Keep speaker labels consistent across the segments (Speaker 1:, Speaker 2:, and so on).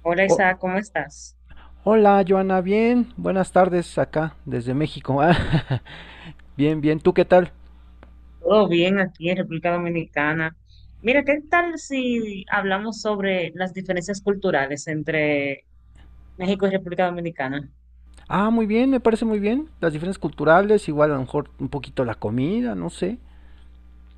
Speaker 1: Hola
Speaker 2: Oh,
Speaker 1: Isaac, ¿cómo estás?
Speaker 2: hola, Joana, bien. Buenas tardes acá, desde México. Ah, bien, bien. ¿Tú qué tal?
Speaker 1: Todo bien aquí en República Dominicana. Mira, ¿qué tal si hablamos sobre las diferencias culturales entre México y República Dominicana?
Speaker 2: Ah, muy bien, me parece muy bien. Las diferencias culturales, igual a lo mejor un poquito la comida, no sé.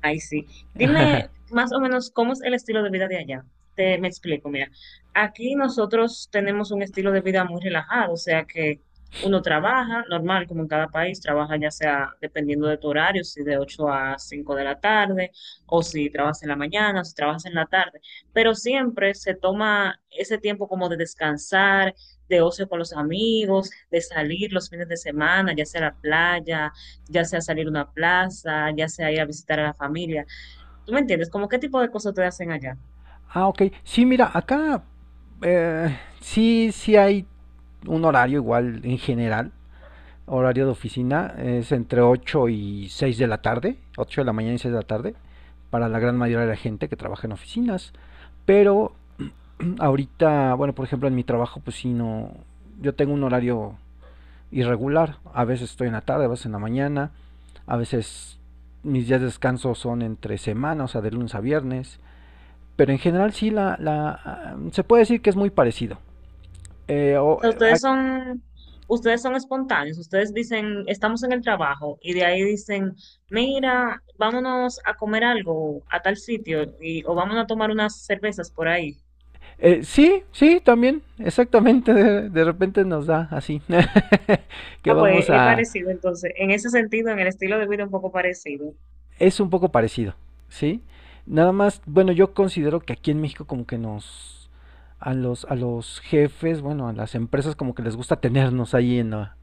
Speaker 1: Ay, sí. Dime más o menos cómo es el estilo de vida de allá. Te me explico, mira. Aquí nosotros tenemos un estilo de vida muy relajado, o sea que uno trabaja normal, como en cada país, trabaja ya sea dependiendo de tu horario, si de 8 a 5 de la tarde, o si trabajas en la mañana, o si trabajas en la tarde, pero siempre se toma ese tiempo como de descansar, de ocio con los amigos, de salir los fines de semana, ya sea a la playa, ya sea salir a una plaza, ya sea ir a visitar a la familia. ¿Tú me entiendes? ¿Cómo qué tipo de cosas te hacen allá?
Speaker 2: Ah, ok. Sí, mira, acá sí, sí hay un horario igual en general. Horario de oficina es entre 8 y 6 de la tarde, 8 de la mañana y 6 de la tarde, para la gran mayoría de la gente que trabaja en oficinas. Pero ahorita, bueno, por ejemplo, en mi trabajo, pues sí, no. Yo tengo un horario irregular. A veces estoy en la tarde, a veces en la mañana. A veces mis días de descanso son entre semana, o sea, de lunes a viernes. Pero en general, sí, la se puede decir que es muy parecido. Eh,
Speaker 1: O
Speaker 2: o-
Speaker 1: sea,
Speaker 2: a-
Speaker 1: ustedes son espontáneos, ustedes dicen, estamos en el trabajo y de ahí dicen, mira, vámonos a comer algo a tal sitio y, o vámonos a tomar unas cervezas por ahí.
Speaker 2: sí, sí, también, exactamente. De repente nos da así que
Speaker 1: Ah, pues
Speaker 2: vamos
Speaker 1: es
Speaker 2: a,
Speaker 1: parecido entonces, en ese sentido, en el estilo de vida un poco parecido.
Speaker 2: es un poco parecido, ¿sí? Nada más, bueno, yo considero que aquí en México como que nos, a los jefes, bueno, a las empresas como que les gusta tenernos ahí en la,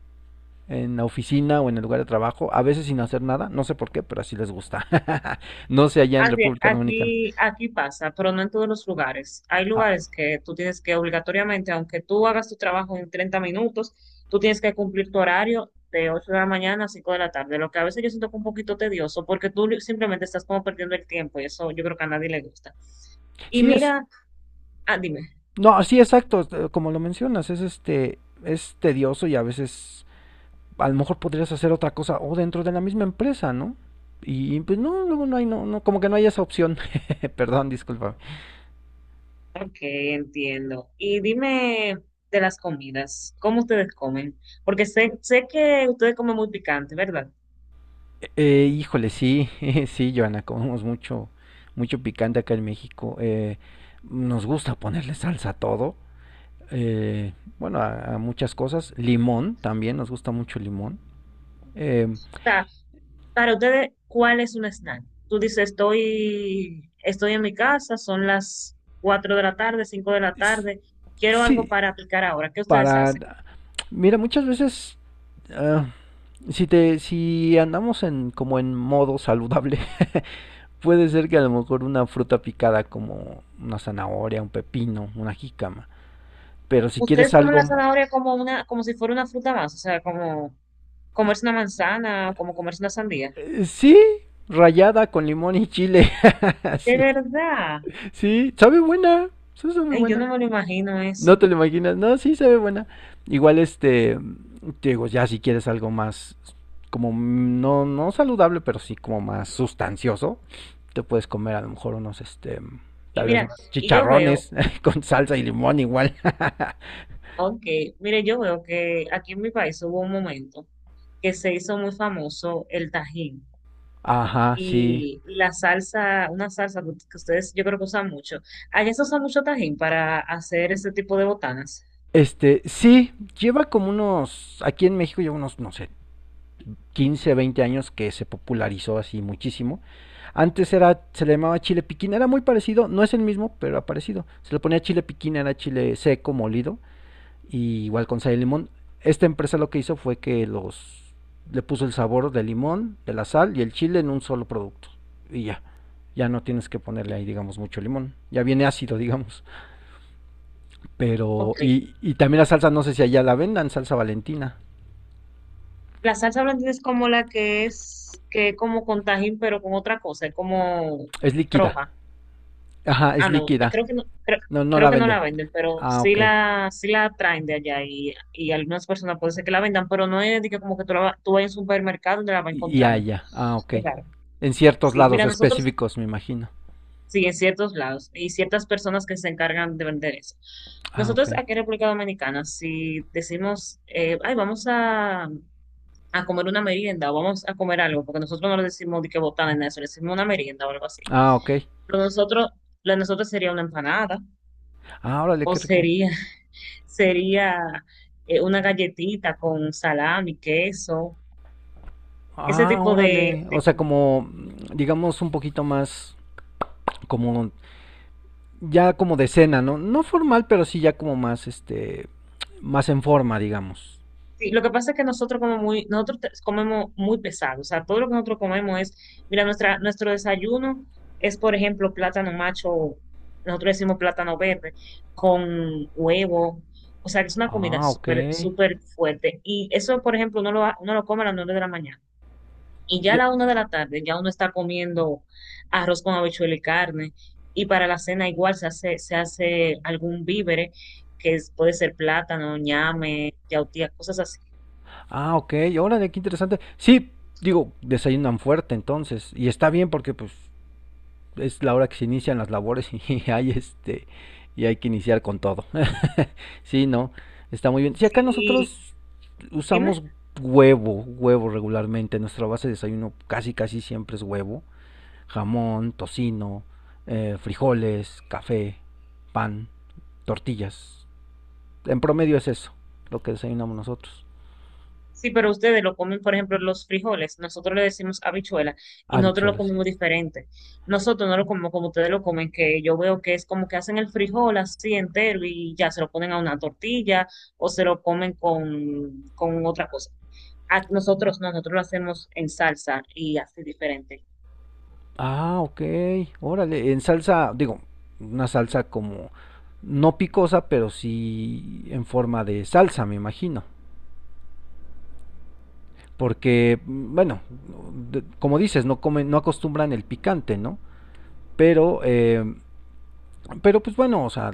Speaker 2: en la oficina o en el lugar de trabajo, a veces sin hacer nada, no sé por qué, pero así les gusta. No sé allá en
Speaker 1: Aquí,
Speaker 2: República Dominicana.
Speaker 1: aquí, aquí pasa, pero no en todos los lugares. Hay
Speaker 2: Ah,
Speaker 1: lugares que tú tienes que obligatoriamente, aunque tú hagas tu trabajo en 30 minutos, tú tienes que cumplir tu horario de 8 de la mañana a 5 de la tarde, lo que a veces yo siento que es un poquito tedioso porque simplemente estás como perdiendo el tiempo y eso yo creo que a nadie le gusta. Y
Speaker 2: sí es,
Speaker 1: mira, ah, dime,
Speaker 2: no, sí, exacto, como lo mencionas, es este, es tedioso y a veces a lo mejor podrías hacer otra cosa o dentro de la misma empresa, ¿no? Y pues no, luego no hay, no, no, como que no hay esa opción. Perdón, disculpa.
Speaker 1: ok, entiendo. Y dime de las comidas, ¿cómo ustedes comen? Porque sé que ustedes comen muy picante, ¿verdad?
Speaker 2: Híjole, sí, sí, Joana, comemos mucho, mucho picante acá en México. Nos gusta ponerle salsa a todo. eh, bueno, a muchas cosas. Limón también, nos gusta mucho el limón. Eh,
Speaker 1: Para ustedes, ¿cuál es un snack? Tú dices, estoy en mi casa, son las 4 de la tarde, 5 de la
Speaker 2: s-
Speaker 1: tarde, quiero algo
Speaker 2: sí,
Speaker 1: para aplicar ahora. ¿Qué ustedes hacen?
Speaker 2: para... Mira, muchas veces... ah, si andamos en como en modo saludable, puede ser que a lo mejor una fruta picada como una zanahoria, un pepino, una jícama. Pero si quieres
Speaker 1: ¿Ustedes comen
Speaker 2: algo...
Speaker 1: la zanahoria como una, como si fuera una fruta más? O sea, como comerse una manzana, como comerse una sandía.
Speaker 2: sí, rayada con limón y chile.
Speaker 1: De
Speaker 2: Sí,
Speaker 1: verdad.
Speaker 2: sí, sabe buena. Sí, sabe
Speaker 1: Ay, yo
Speaker 2: buena.
Speaker 1: no me lo imagino
Speaker 2: No
Speaker 1: eso.
Speaker 2: te lo imaginas. No, sí, sabe buena. Igual este... Te digo, ya si quieres algo más... Como no, no saludable, pero sí como más sustancioso. Te puedes comer a lo mejor unos este...
Speaker 1: Y
Speaker 2: Tal vez
Speaker 1: mira,
Speaker 2: más
Speaker 1: y yo veo,
Speaker 2: chicharrones con salsa y limón igual.
Speaker 1: ok, mire, yo veo que aquí en mi país hubo un momento que se hizo muy famoso el Tajín.
Speaker 2: Ajá, sí.
Speaker 1: Y la salsa, una salsa que ustedes yo creo que usan mucho. Allá se usa mucho tajín para hacer ese tipo de botanas.
Speaker 2: Este, sí, lleva como unos, aquí en México lleva unos, no sé, 15 20 años que se popularizó así muchísimo. Antes era, se le llamaba chile piquín, era muy parecido, no es el mismo, pero era parecido. Se le ponía chile piquín, era chile seco, molido, y igual con sal y limón. Esta empresa lo que hizo fue que los, le puso el sabor del limón, de la sal y el chile en un solo producto. Y ya, ya no tienes que ponerle ahí, digamos, mucho limón. Ya viene ácido, digamos. Pero,
Speaker 1: Ok.
Speaker 2: y también la salsa, no sé si allá la vendan, salsa valentina.
Speaker 1: La salsa blandina es como la que es como con tajín, pero con otra cosa, es como
Speaker 2: Es líquida.
Speaker 1: roja.
Speaker 2: Ajá, es
Speaker 1: Ah, no, yo
Speaker 2: líquida.
Speaker 1: creo que no,
Speaker 2: No, no la
Speaker 1: creo que no
Speaker 2: venden.
Speaker 1: la venden, pero
Speaker 2: Ah, ok.
Speaker 1: sí la traen de allá y algunas personas puede ser que la vendan, pero no es de que como que tú vas a un supermercado donde la vas
Speaker 2: Y
Speaker 1: encontrando.
Speaker 2: allá. Ah, ok.
Speaker 1: Es raro.
Speaker 2: En ciertos
Speaker 1: Sí,
Speaker 2: lados
Speaker 1: mira, nosotros
Speaker 2: específicos, me imagino.
Speaker 1: sí, en ciertos lados. Y ciertas personas que se encargan de vender eso.
Speaker 2: Ah, ok.
Speaker 1: Nosotros aquí en República Dominicana, si decimos, ay, a comer una merienda o vamos a comer algo, porque nosotros no le decimos de que botana en eso, le decimos una merienda o algo así.
Speaker 2: Ah, ok.
Speaker 1: Pero nosotros, lo de nosotros sería una empanada
Speaker 2: Ah, órale,
Speaker 1: o
Speaker 2: qué rico.
Speaker 1: sería, sería una galletita con salami, queso, ese
Speaker 2: Ah,
Speaker 1: tipo
Speaker 2: órale. O
Speaker 1: de
Speaker 2: sea,
Speaker 1: comida.
Speaker 2: como, digamos, un poquito más, como, ya como de cena, ¿no? No formal, pero sí ya como más, este, más en forma, digamos.
Speaker 1: Sí, lo que pasa es que nosotros como muy, comemos muy pesado, o sea, todo lo que nosotros comemos es, mira, nuestra, nuestro desayuno es, por ejemplo, plátano macho, nosotros decimos plátano verde, con huevo, o sea, que es una comida
Speaker 2: Ah, ok.
Speaker 1: súper, súper fuerte. Y eso, por ejemplo, uno lo come a las 9 de la mañana. Y ya a
Speaker 2: De-
Speaker 1: la 1 de la tarde, ya uno está comiendo arroz con habichuela y carne. Y para la cena igual se hace algún vívere, puede ser plátano, ñame, yautía, cosas así.
Speaker 2: Ah, ok, órale, qué interesante. Sí, digo, desayunan fuerte entonces. Y está bien porque, pues, es la hora que se inician las labores y hay este y hay que iniciar con todo. Sí, no, está muy bien. Si
Speaker 1: Sí,
Speaker 2: acá
Speaker 1: y
Speaker 2: nosotros
Speaker 1: dime,
Speaker 2: usamos huevo, huevo regularmente, nuestra base de desayuno casi casi siempre es huevo, jamón, tocino, frijoles, café, pan, tortillas. En promedio es eso, lo que desayunamos nosotros.
Speaker 1: sí, pero ustedes lo comen, por ejemplo, los frijoles, nosotros le decimos habichuela y nosotros lo
Speaker 2: Habichuelas.
Speaker 1: comemos diferente. Nosotros no lo comemos como ustedes lo comen, que yo veo que es como que hacen el frijol así entero y ya se lo ponen a una tortilla o se lo comen con otra cosa. A nosotros no, nosotros lo hacemos en salsa y así diferente.
Speaker 2: Ah, ok. Órale, en salsa, digo, una salsa como no picosa, pero sí en forma de salsa, me imagino. Porque, bueno, como dices, no comen, no acostumbran el picante, ¿no? Pero, eh, pero pues bueno, o sea,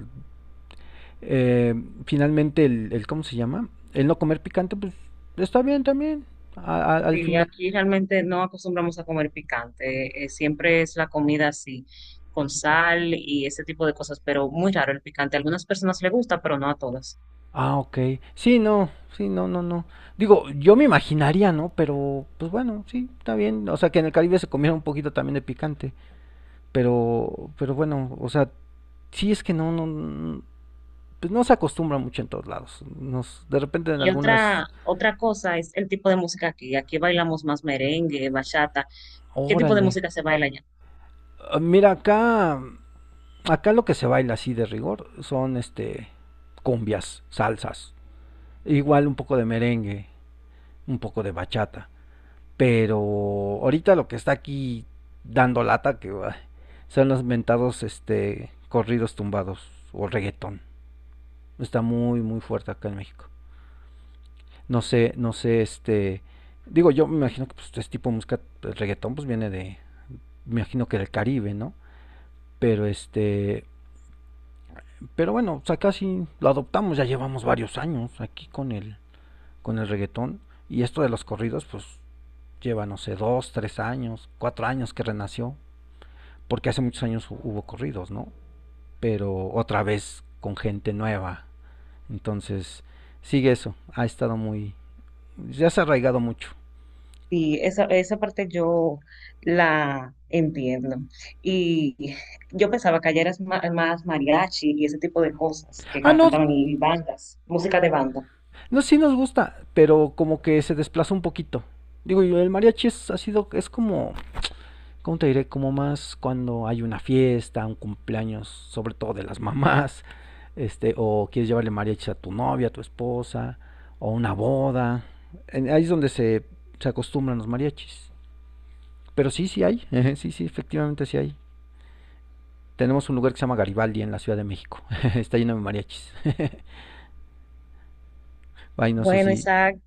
Speaker 2: eh, finalmente ¿cómo se llama? El no comer picante, pues está bien también. Al
Speaker 1: Sí,
Speaker 2: final.
Speaker 1: aquí realmente no acostumbramos a comer picante, siempre es la comida así, con sal y ese tipo de cosas, pero muy raro el picante. A algunas personas le gusta, pero no a todas.
Speaker 2: Ah, ok. Sí, no, sí, no, no, no. Digo, yo me imaginaría, ¿no? Pero, pues bueno, sí, está bien. O sea, que en el Caribe se comiera un poquito también de picante. Pero bueno, o sea, sí es que no, no, no, pues no se acostumbra mucho en todos lados. Nos, de repente en
Speaker 1: Y
Speaker 2: algunas,
Speaker 1: otra cosa es el tipo de música aquí. Aquí bailamos más merengue, bachata. ¿Qué tipo de
Speaker 2: órale.
Speaker 1: música se baila allá?
Speaker 2: Ah, mira, acá lo que se baila así de rigor son, este, cumbias, salsas. Igual un poco de merengue, un poco de bachata. Pero ahorita lo que está aquí dando lata que ay, son los mentados este corridos tumbados o reggaetón. Está muy muy fuerte acá en México. No sé este digo yo me imagino que pues, este tipo de música el reggaetón pues viene de me imagino que del Caribe, ¿no? Pero este, pero bueno, o sea, casi lo adoptamos, ya llevamos varios años aquí con el reggaetón y esto de los corridos pues lleva no sé, 2, 3 años, 4 años que renació porque hace muchos años hubo corridos, ¿no? Pero otra vez con gente nueva. Entonces, sigue eso. Ha estado muy. Ya se ha arraigado mucho.
Speaker 1: Sí, esa parte yo la entiendo. Y yo pensaba que allá eras más mariachi y ese tipo de cosas que
Speaker 2: Ah, no,
Speaker 1: cantaban y bandas, música de banda.
Speaker 2: no, sí nos gusta, pero como que se desplazó un poquito. Digo, el mariachi es, ha sido, es como, ¿cómo te diré? Como más cuando hay una fiesta, un cumpleaños, sobre todo de las mamás, este, o quieres llevarle mariachi a tu novia, a tu esposa, o una boda. Ahí es donde se acostumbran los mariachis. Pero sí, sí hay. Sí, sí, efectivamente sí hay. Tenemos un lugar que se llama Garibaldi en la Ciudad de México. Está lleno de mariachis. Ay, no sé
Speaker 1: Bueno,
Speaker 2: si...
Speaker 1: Isaac.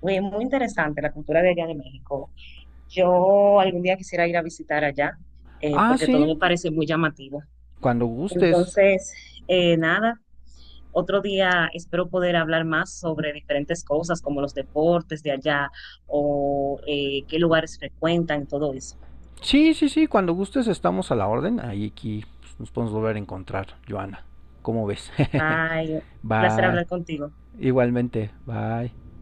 Speaker 1: Oye, muy interesante la cultura de allá de México. Yo algún día quisiera ir a visitar allá,
Speaker 2: Ah,
Speaker 1: porque todo
Speaker 2: sí,
Speaker 1: me parece muy llamativo.
Speaker 2: cuando gustes.
Speaker 1: Entonces, nada, otro día espero poder hablar más sobre diferentes cosas como los deportes de allá o qué lugares frecuentan, todo eso.
Speaker 2: Sí, sí, sí, cuando gustes estamos a la orden. Ahí aquí pues, nos podemos volver a encontrar, Joana. ¿Cómo ves?
Speaker 1: Ay, un placer
Speaker 2: Bye.
Speaker 1: hablar contigo.
Speaker 2: Igualmente, bye.